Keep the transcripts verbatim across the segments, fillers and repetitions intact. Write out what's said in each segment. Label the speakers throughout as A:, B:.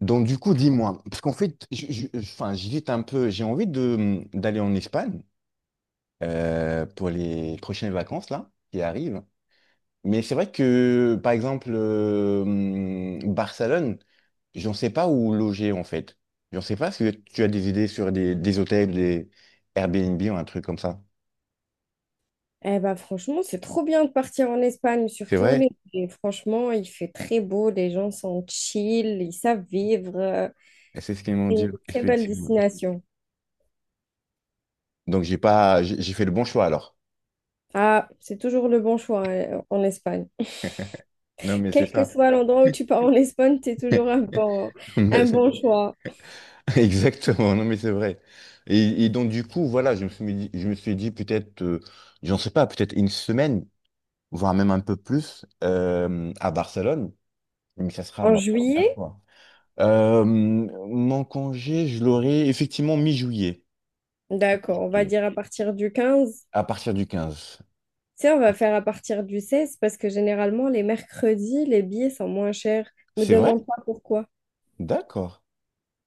A: Donc, du coup, dis-moi, parce qu'en fait, je- je- je- enfin, j'hésite un peu, j'ai envie de, mmh, d'aller en Espagne euh, pour les prochaines vacances, là, qui arrivent. Mais c'est vrai que, par exemple, euh, hum, Barcelone, j'en sais pas où loger, en fait. J'en sais pas si tu as des idées sur des, des hôtels, des Airbnb ou un truc comme ça.
B: Eh ben, franchement, c'est trop bien de partir en Espagne,
A: C'est
B: surtout en
A: vrai?
B: été. Et franchement, il fait très beau, les gens sont chill, ils savent vivre. euh,
A: Et c'est ce qu'ils m'ont
B: C'est une
A: dit,
B: très belle
A: effectivement.
B: destination.
A: Donc, j'ai pas, j'ai j'ai fait le bon choix, alors.
B: Ah, c'est toujours le bon choix hein, en Espagne.
A: Non, mais c'est
B: Quel que
A: ça.
B: soit l'endroit où tu pars en Espagne, c'est toujours un bon, un bon choix.
A: Exactement, non mais c'est vrai. Et, et donc du coup, voilà, je me suis dit, je me suis dit peut-être, euh, j'en sais pas, peut-être une semaine, voire même un peu plus, euh, à Barcelone, mais ça sera
B: En
A: ma première
B: juillet,
A: fois. Euh, mon congé, je l'aurai effectivement mi-juillet,
B: d'accord, on va
A: Mi-juillet,
B: dire à partir du quinze.
A: à partir du quinze.
B: Tu sais, on va faire à partir du seize parce que généralement, les mercredis, les billets sont moins chers. Me
A: C'est vrai?
B: demande pas pourquoi.
A: D'accord.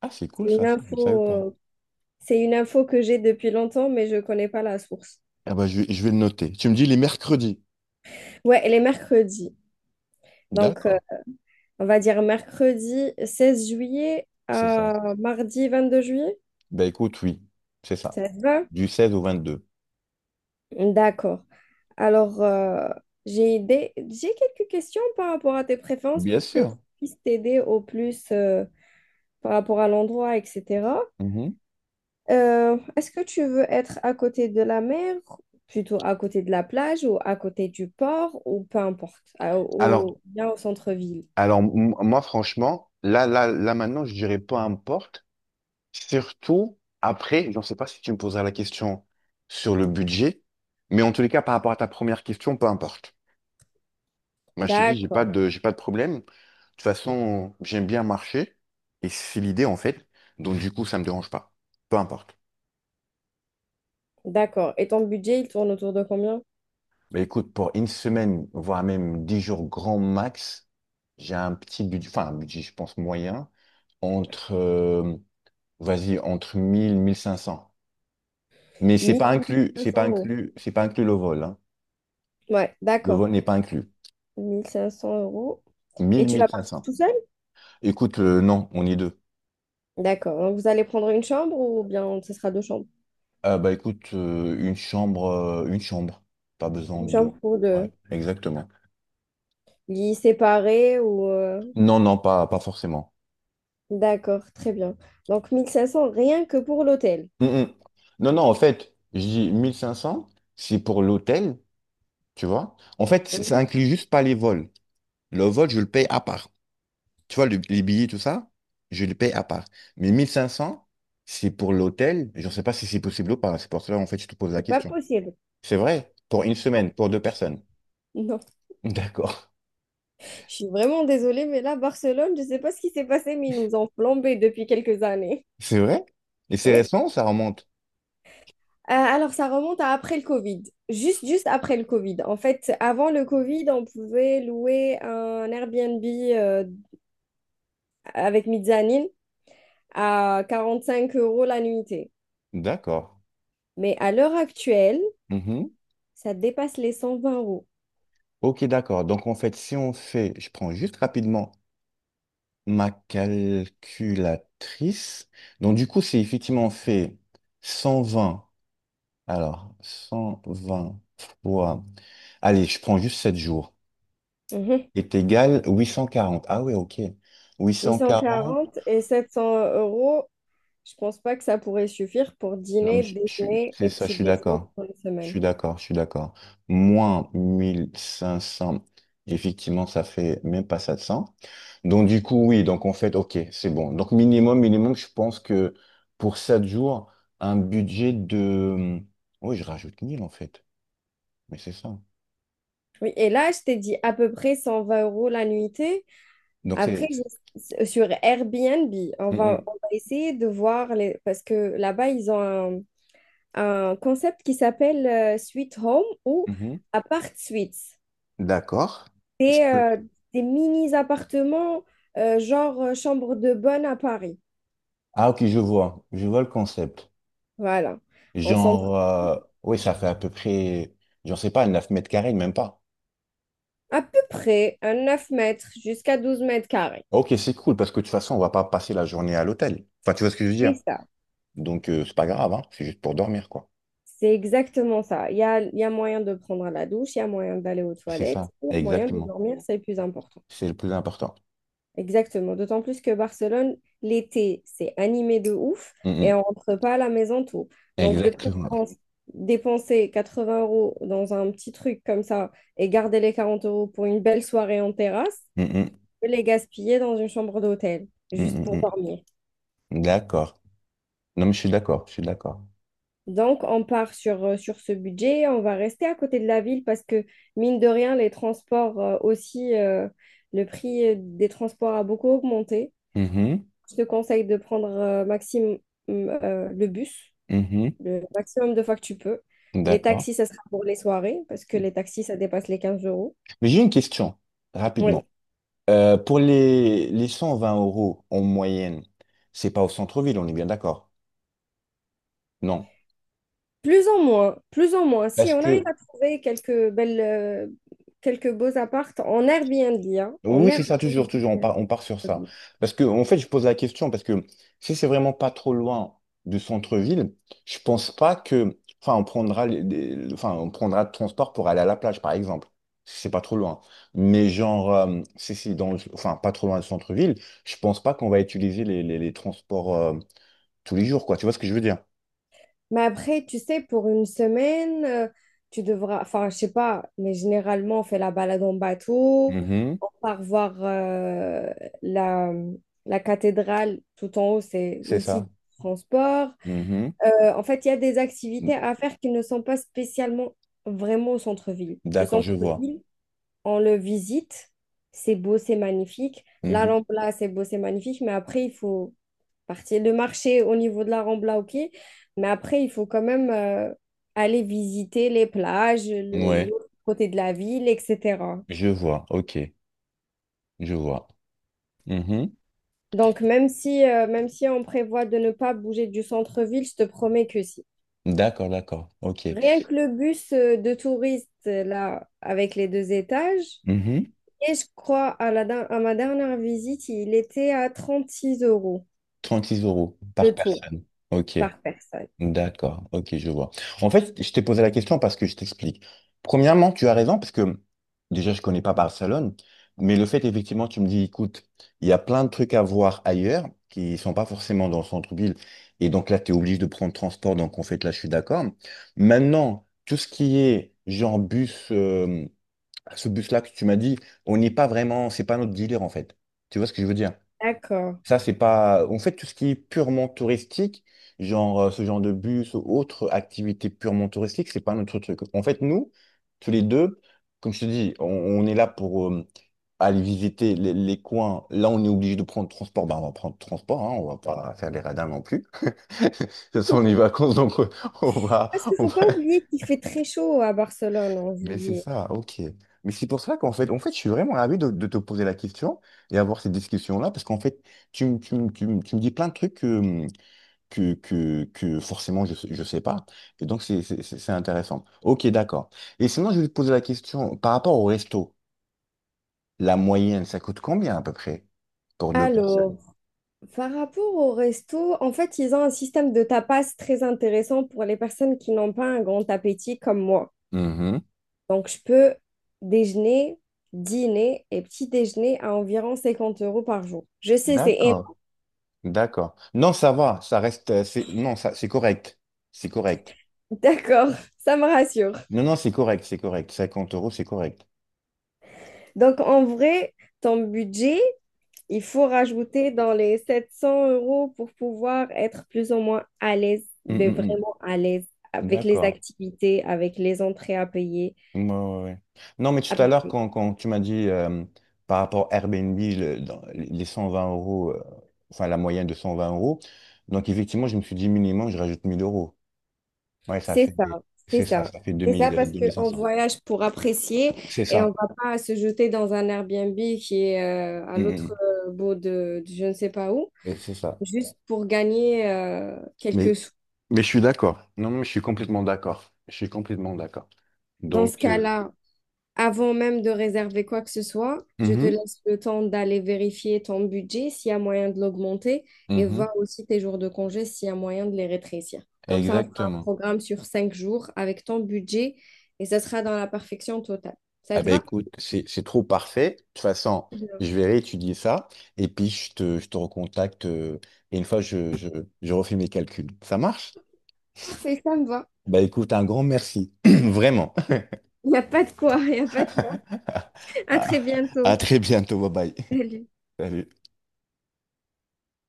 A: Ah, c'est cool
B: C'est
A: ça,
B: une
A: ça, je ne savais
B: info
A: pas.
B: euh, C'est une info que j'ai depuis longtemps, mais je ne connais pas la source.
A: Ah bah, je, vais- je vais le noter. Tu me dis les mercredis.
B: Ouais, elle est mercredi. Donc, euh,
A: D'accord,
B: on va dire mercredi seize juillet
A: c'est ça.
B: à mardi vingt-deux juillet.
A: Bah écoute, oui, c'est ça.
B: Ça te va?
A: Du seize au vingt-deux.
B: D'accord. Alors, euh, j'ai des... j'ai quelques questions par rapport à tes préférences
A: Bien
B: pour que je
A: sûr.
B: puisse t'aider au plus euh, par rapport à l'endroit, et cetera.
A: Mhm.
B: Euh, est-ce que tu veux être à côté de la mer, plutôt à côté de la plage ou à côté du port ou peu importe, à-
A: Alors,
B: au, bien au centre-ville?
A: alors m- moi, franchement, là, là, là, maintenant, je dirais peu importe. Surtout après, je ne sais pas si tu me poseras la question sur le budget, mais en tous les cas, par rapport à ta première question, peu importe. Moi, je te dis, j'ai pas
B: D'accord,
A: de, j'ai pas de problème. De toute façon, j'aime bien marcher et c'est l'idée, en fait. Donc, du coup, ça me dérange pas. Peu importe.
B: d'accord. Et ton budget, il tourne autour de combien?
A: Mais écoute, pour une semaine, voire même dix jours grand max, j'ai un petit budget, enfin, un budget, je pense, moyen, entre Vas-y, entre mille mille cinq cents. Mais c'est pas
B: 1500
A: inclus, c'est pas
B: euros.
A: inclus, c'est pas inclus le vol, hein.
B: Ouais,
A: Le
B: d'accord.
A: vol n'est pas inclus.
B: mille cinq cents euros. Et
A: mille
B: tu vas
A: mille cinq
B: partir
A: cents.
B: tout seul?
A: Écoute, euh, non, on est deux.
B: D'accord. Donc vous allez prendre une chambre ou bien ce sera deux chambres?
A: Ah bah écoute, euh, une chambre, euh, une chambre. Pas besoin
B: Une
A: de
B: chambre
A: deux.
B: pour
A: Ouais,
B: deux.
A: exactement.
B: Lits séparés ou... euh,
A: Non, non, pas, pas forcément.
B: D'accord, très bien. Donc mille cinq cents rien que pour l'hôtel.
A: Mm, mm. Non, non, en fait, je dis mille cinq cents c'est pour l'hôtel, tu vois. En fait, ça
B: Mhm.
A: inclut juste pas les vols. Le vol, je le paye à part. Tu vois, le- les billets, tout ça, je les paye à part. Mais mille cinq cents c'est pour l'hôtel. Je ne sais pas si c'est possible ou pas. C'est pour cela, en fait, je te pose la
B: C'est pas
A: question.
B: possible.
A: C'est vrai, pour une
B: Non.
A: semaine, pour deux personnes.
B: Non.
A: D'accord.
B: Je suis vraiment désolée, mais là, Barcelone, je ne sais pas ce qui s'est passé, mais ils nous ont plombé depuis quelques années.
A: C'est vrai? Et c'est
B: Oui.
A: récent, ça remonte.
B: Euh, alors, ça remonte à après le Covid. Juste, juste après le Covid. En fait, avant le Covid, on pouvait louer un Airbnb euh, avec mezzanine à quarante-cinq euros la nuitée.
A: D'accord.
B: Mais à l'heure actuelle,
A: Mhm.
B: ça dépasse les cent vingt euros.
A: Ok, d'accord. Donc, en fait, si on fait, je prends juste rapidement ma calculatrice. Donc, du coup, c'est effectivement on fait cent vingt. Alors, cent vingt fois. Allez, je prends juste sept jours.
B: Mhm.
A: Est égal huit cent quarante. Ah oui, ok. Huit cent quarante.
B: huit cent quarante et sept cents euros, je pense pas que ça pourrait suffire pour
A: Non, mais
B: dîner,
A: je, je suis-
B: déjeuner
A: c'est
B: et
A: ça, je
B: petit
A: suis
B: déjeuner
A: d'accord.
B: pour une
A: Je suis
B: semaine.
A: d'accord, je suis d'accord. Moins mille cinq cents, effectivement, ça fait même pas sept cents. Donc, du coup, oui, donc en fait, ok, c'est bon. Donc, minimum, minimum, je pense que pour sept jours, un budget de. Oui, je rajoute mille, en fait. Mais c'est ça.
B: Oui, et là, je t'ai dit à peu près cent vingt euros la nuitée.
A: Donc,
B: Après,
A: c'est.
B: je- sur Airbnb, on va,
A: Mhm,
B: on va essayer de voir les, parce que là-bas, ils ont un, un concept qui s'appelle euh, Suite Home ou
A: mhm.
B: Apart Suites.
A: D'accord.
B: C'est euh, des mini-appartements, euh, genre euh, chambre de bonne à Paris.
A: Ah, ok, je vois. Je vois le concept.
B: Voilà. On s'entraîne
A: Genre, euh, oui, ça fait à peu près, j'en sais pas, neuf mètres carrés, même pas.
B: à peu près à neuf mètres jusqu'à douze mètres carrés.
A: Ok, c'est cool, parce que de toute façon, on va pas passer la journée à l'hôtel. Enfin, tu vois ce que je veux
B: C'est
A: dire?
B: ça.
A: Donc, euh, c'est pas grave, hein, c'est juste pour dormir, quoi.
B: C'est exactement ça. Il y a, il y a moyen de prendre la douche, il y a moyen d'aller aux
A: C'est
B: toilettes,
A: ça,
B: et il y a moyen de
A: exactement.
B: dormir, c'est le plus important.
A: C'est le plus important.
B: Exactement. D'autant plus que Barcelone, l'été, c'est animé de ouf
A: Mm,
B: et
A: mm.
B: on rentre pas à la maison tôt. Donc, de
A: Exactement.
B: préférence, dépenser quatre-vingts euros dans un petit truc comme ça et garder les quarante euros pour une belle soirée en terrasse,
A: Mm, mm.
B: que les gaspiller dans une chambre d'hôtel,
A: Mm,
B: juste pour
A: mm,
B: dormir.
A: mm. D'accord. Non, mais je suis d'accord, je suis d'accord.
B: Donc, on part sur, euh, sur ce budget, on va rester à côté de la ville parce que, mine de rien, les transports euh, aussi, euh, le prix euh, des transports a beaucoup augmenté.
A: Mhm,
B: Je te conseille de prendre euh, maximum euh, le bus,
A: mhm.
B: le maximum de fois que tu peux. Les
A: D'accord.
B: taxis, ça sera pour les soirées parce que les taxis, ça dépasse les quinze euros.
A: Mais j'ai une question,
B: Oui.
A: rapidement. Euh, pour les, les cent vingt euros en moyenne, c'est pas au centre-ville, on est bien d'accord? Non.
B: Plus en moins, plus en moins. Si
A: Parce
B: on arrive
A: que,
B: à trouver quelques belles, euh, quelques beaux apparts en Airbnb, hein,
A: oui,
B: en
A: oui, c'est
B: Airbnb,
A: ça, toujours, toujours, on part, on part sur ça.
B: euh,
A: Parce que, en fait, je pose la question, parce que si c'est vraiment pas trop loin du centre-ville, je pense pas que, enfin, on prendra, les- des- enfin, on prendra le transport pour aller à la plage, par exemple. Si c'est pas trop loin. Mais genre, euh, si c'est dans, le- enfin, pas trop loin du centre-ville, je pense pas qu'on va utiliser les, les, les transports, euh, tous les jours, quoi. Tu vois ce que je veux dire?
B: Mais après, tu sais, pour une semaine, euh, tu devras, enfin, je sais pas, mais généralement, on fait la balade en bateau,
A: Mhm.
B: on part voir euh, la, la cathédrale tout en haut, c'est
A: C'est
B: aussi
A: ça.
B: du transport.
A: Mhm.
B: Euh, en fait, il y a des activités à faire qui ne sont pas spécialement vraiment au centre-ville. Le
A: D'accord, je vois.
B: centre-ville, on le visite, c'est beau, c'est magnifique. La Rambla, c'est beau, c'est magnifique, mais après, il faut partie. Le marché au niveau de la Rambla, ok. Mais après, il faut quand même euh, aller visiter les plages,
A: Mhm.
B: le,
A: Ouais,
B: l'autre côté de la ville, et cetera.
A: je vois. Ok, je vois. Mhm.
B: Donc, même si, euh, même si on prévoit de ne pas bouger du centre-ville, je te promets que si.
A: D'accord, d'accord. OK.
B: Rien que le bus euh, de touristes, euh, là, avec les deux étages,
A: Mhm.
B: et je crois à, la, der- à ma dernière visite, il était à trente six euros
A: trente-six euros par
B: le tour.
A: personne. OK.
B: Par personne.
A: D'accord. OK, je vois. En fait, je t'ai posé la question parce que je t'explique. Premièrement, tu as raison parce que déjà, je connais pas Barcelone, mais le fait, effectivement, tu me dis, écoute, il y a plein de trucs à voir ailleurs qui sont pas forcément dans le centre-ville. Et donc là, tu es obligé de prendre transport. Donc, en fait, là, je suis d'accord. Maintenant, tout ce qui est genre bus, euh, ce bus-là que tu m'as dit, on n'est pas vraiment, c'est pas notre dealer, en fait. Tu vois ce que je veux dire?
B: D'accord.
A: Ça, c'est pas. En fait, tout ce qui est purement touristique, genre euh, ce genre de bus ou autre activité purement touristique, c'est pas notre truc. En fait, nous, tous les deux, comme je te dis, on, on est là pour euh, aller visiter les, les coins. Là, on est obligé de prendre transport. Ben, on va prendre transport, hein, on va pas faire les radins non plus. Ce sont les vacances, donc euh, on va,
B: Parce qu'il ne
A: on
B: faut
A: va-
B: pas oublier qu'il fait très chaud à Barcelone en
A: Mais c'est
B: juillet.
A: ça, ok. Mais c'est pour ça qu'en fait, en fait, je suis vraiment ravi de, de te poser la question et avoir cette discussion-là, parce qu'en fait, tu, me- tu, me- tu, me tu me dis plein de trucs que, que, que forcément je ne sais pas. Et donc, c'est c'est- c'est- c'est intéressant. Ok, d'accord. Et sinon, je vais te poser la question par rapport au resto. La moyenne, ça coûte combien à peu près pour deux personnes?
B: Alors, par rapport au resto, en fait, ils ont un système de tapas très intéressant pour les personnes qui n'ont pas un grand appétit comme moi.
A: Mhm.
B: Donc, je peux déjeuner, dîner et petit déjeuner à environ cinquante euros par jour. Je sais, c'est
A: D'accord,
B: énorme.
A: d'accord. Non, ça va, ça reste, euh, c'est, non, ça, c'est correct. C'est correct.
B: D'accord, ça me rassure.
A: Non, non, c'est correct, c'est correct. Cinquante euros, c'est correct.
B: Donc, en vrai, ton budget, il faut rajouter dans les sept cents euros pour pouvoir être plus ou moins à l'aise,
A: Mm,
B: mais
A: mm,
B: vraiment à l'aise
A: mm.
B: avec les
A: D'accord.
B: activités, avec les entrées à payer,
A: Ouais, ouais, ouais. Non, mais
B: à
A: tout à
B: peu
A: l'heure,
B: près.
A: quand, quand tu m'as dit euh, par rapport à Airbnb, le- dans les cent vingt euros, euh, enfin la moyenne de cent vingt euros, donc effectivement, je me suis dit minimum, je rajoute mille euros. Ouais, ça
B: C'est
A: fait,
B: ça, c'est
A: c'est ça,
B: ça.
A: ça fait
B: C'est ça
A: deux mille, euh,
B: parce qu'on
A: deux mille cinq cents.
B: voyage pour apprécier
A: C'est
B: et on
A: ça.
B: va pas se jeter dans un Airbnb qui est euh, à
A: Mm,
B: l'autre
A: mm.
B: euh, bout de, de je ne sais pas où,
A: Et c'est ça.
B: juste pour gagner euh, quelques
A: Mais,
B: sous.
A: mais je suis d'accord. Non, mais je suis complètement d'accord. Je suis complètement d'accord.
B: Dans ce
A: Donc, euh,
B: cas-là, avant même de réserver quoi que ce soit, je te
A: mhm,
B: laisse le temps d'aller vérifier ton budget, s'il y a moyen de l'augmenter, et
A: mhm,
B: voir aussi tes jours de congé, s'il y a moyen de les rétrécir. Comme ça, on fera un
A: exactement.
B: programme sur cinq jours avec ton budget et ça sera dans la perfection totale. Ça
A: Ah
B: te
A: ben
B: va?
A: écoute, c'est c'est trop parfait. De toute façon,
B: Bien.
A: je vais réétudier ça et puis je te, je te recontacte euh, et une fois je, je, je refais mes calculs. Ça marche?
B: Parfait, ça me va.
A: Bah écoute, un grand merci. Vraiment.
B: Il n'y a pas de quoi, il n'y a pas de quoi. À
A: à
B: très
A: à
B: bientôt.
A: très bientôt. Bye bye.
B: Salut.
A: Salut.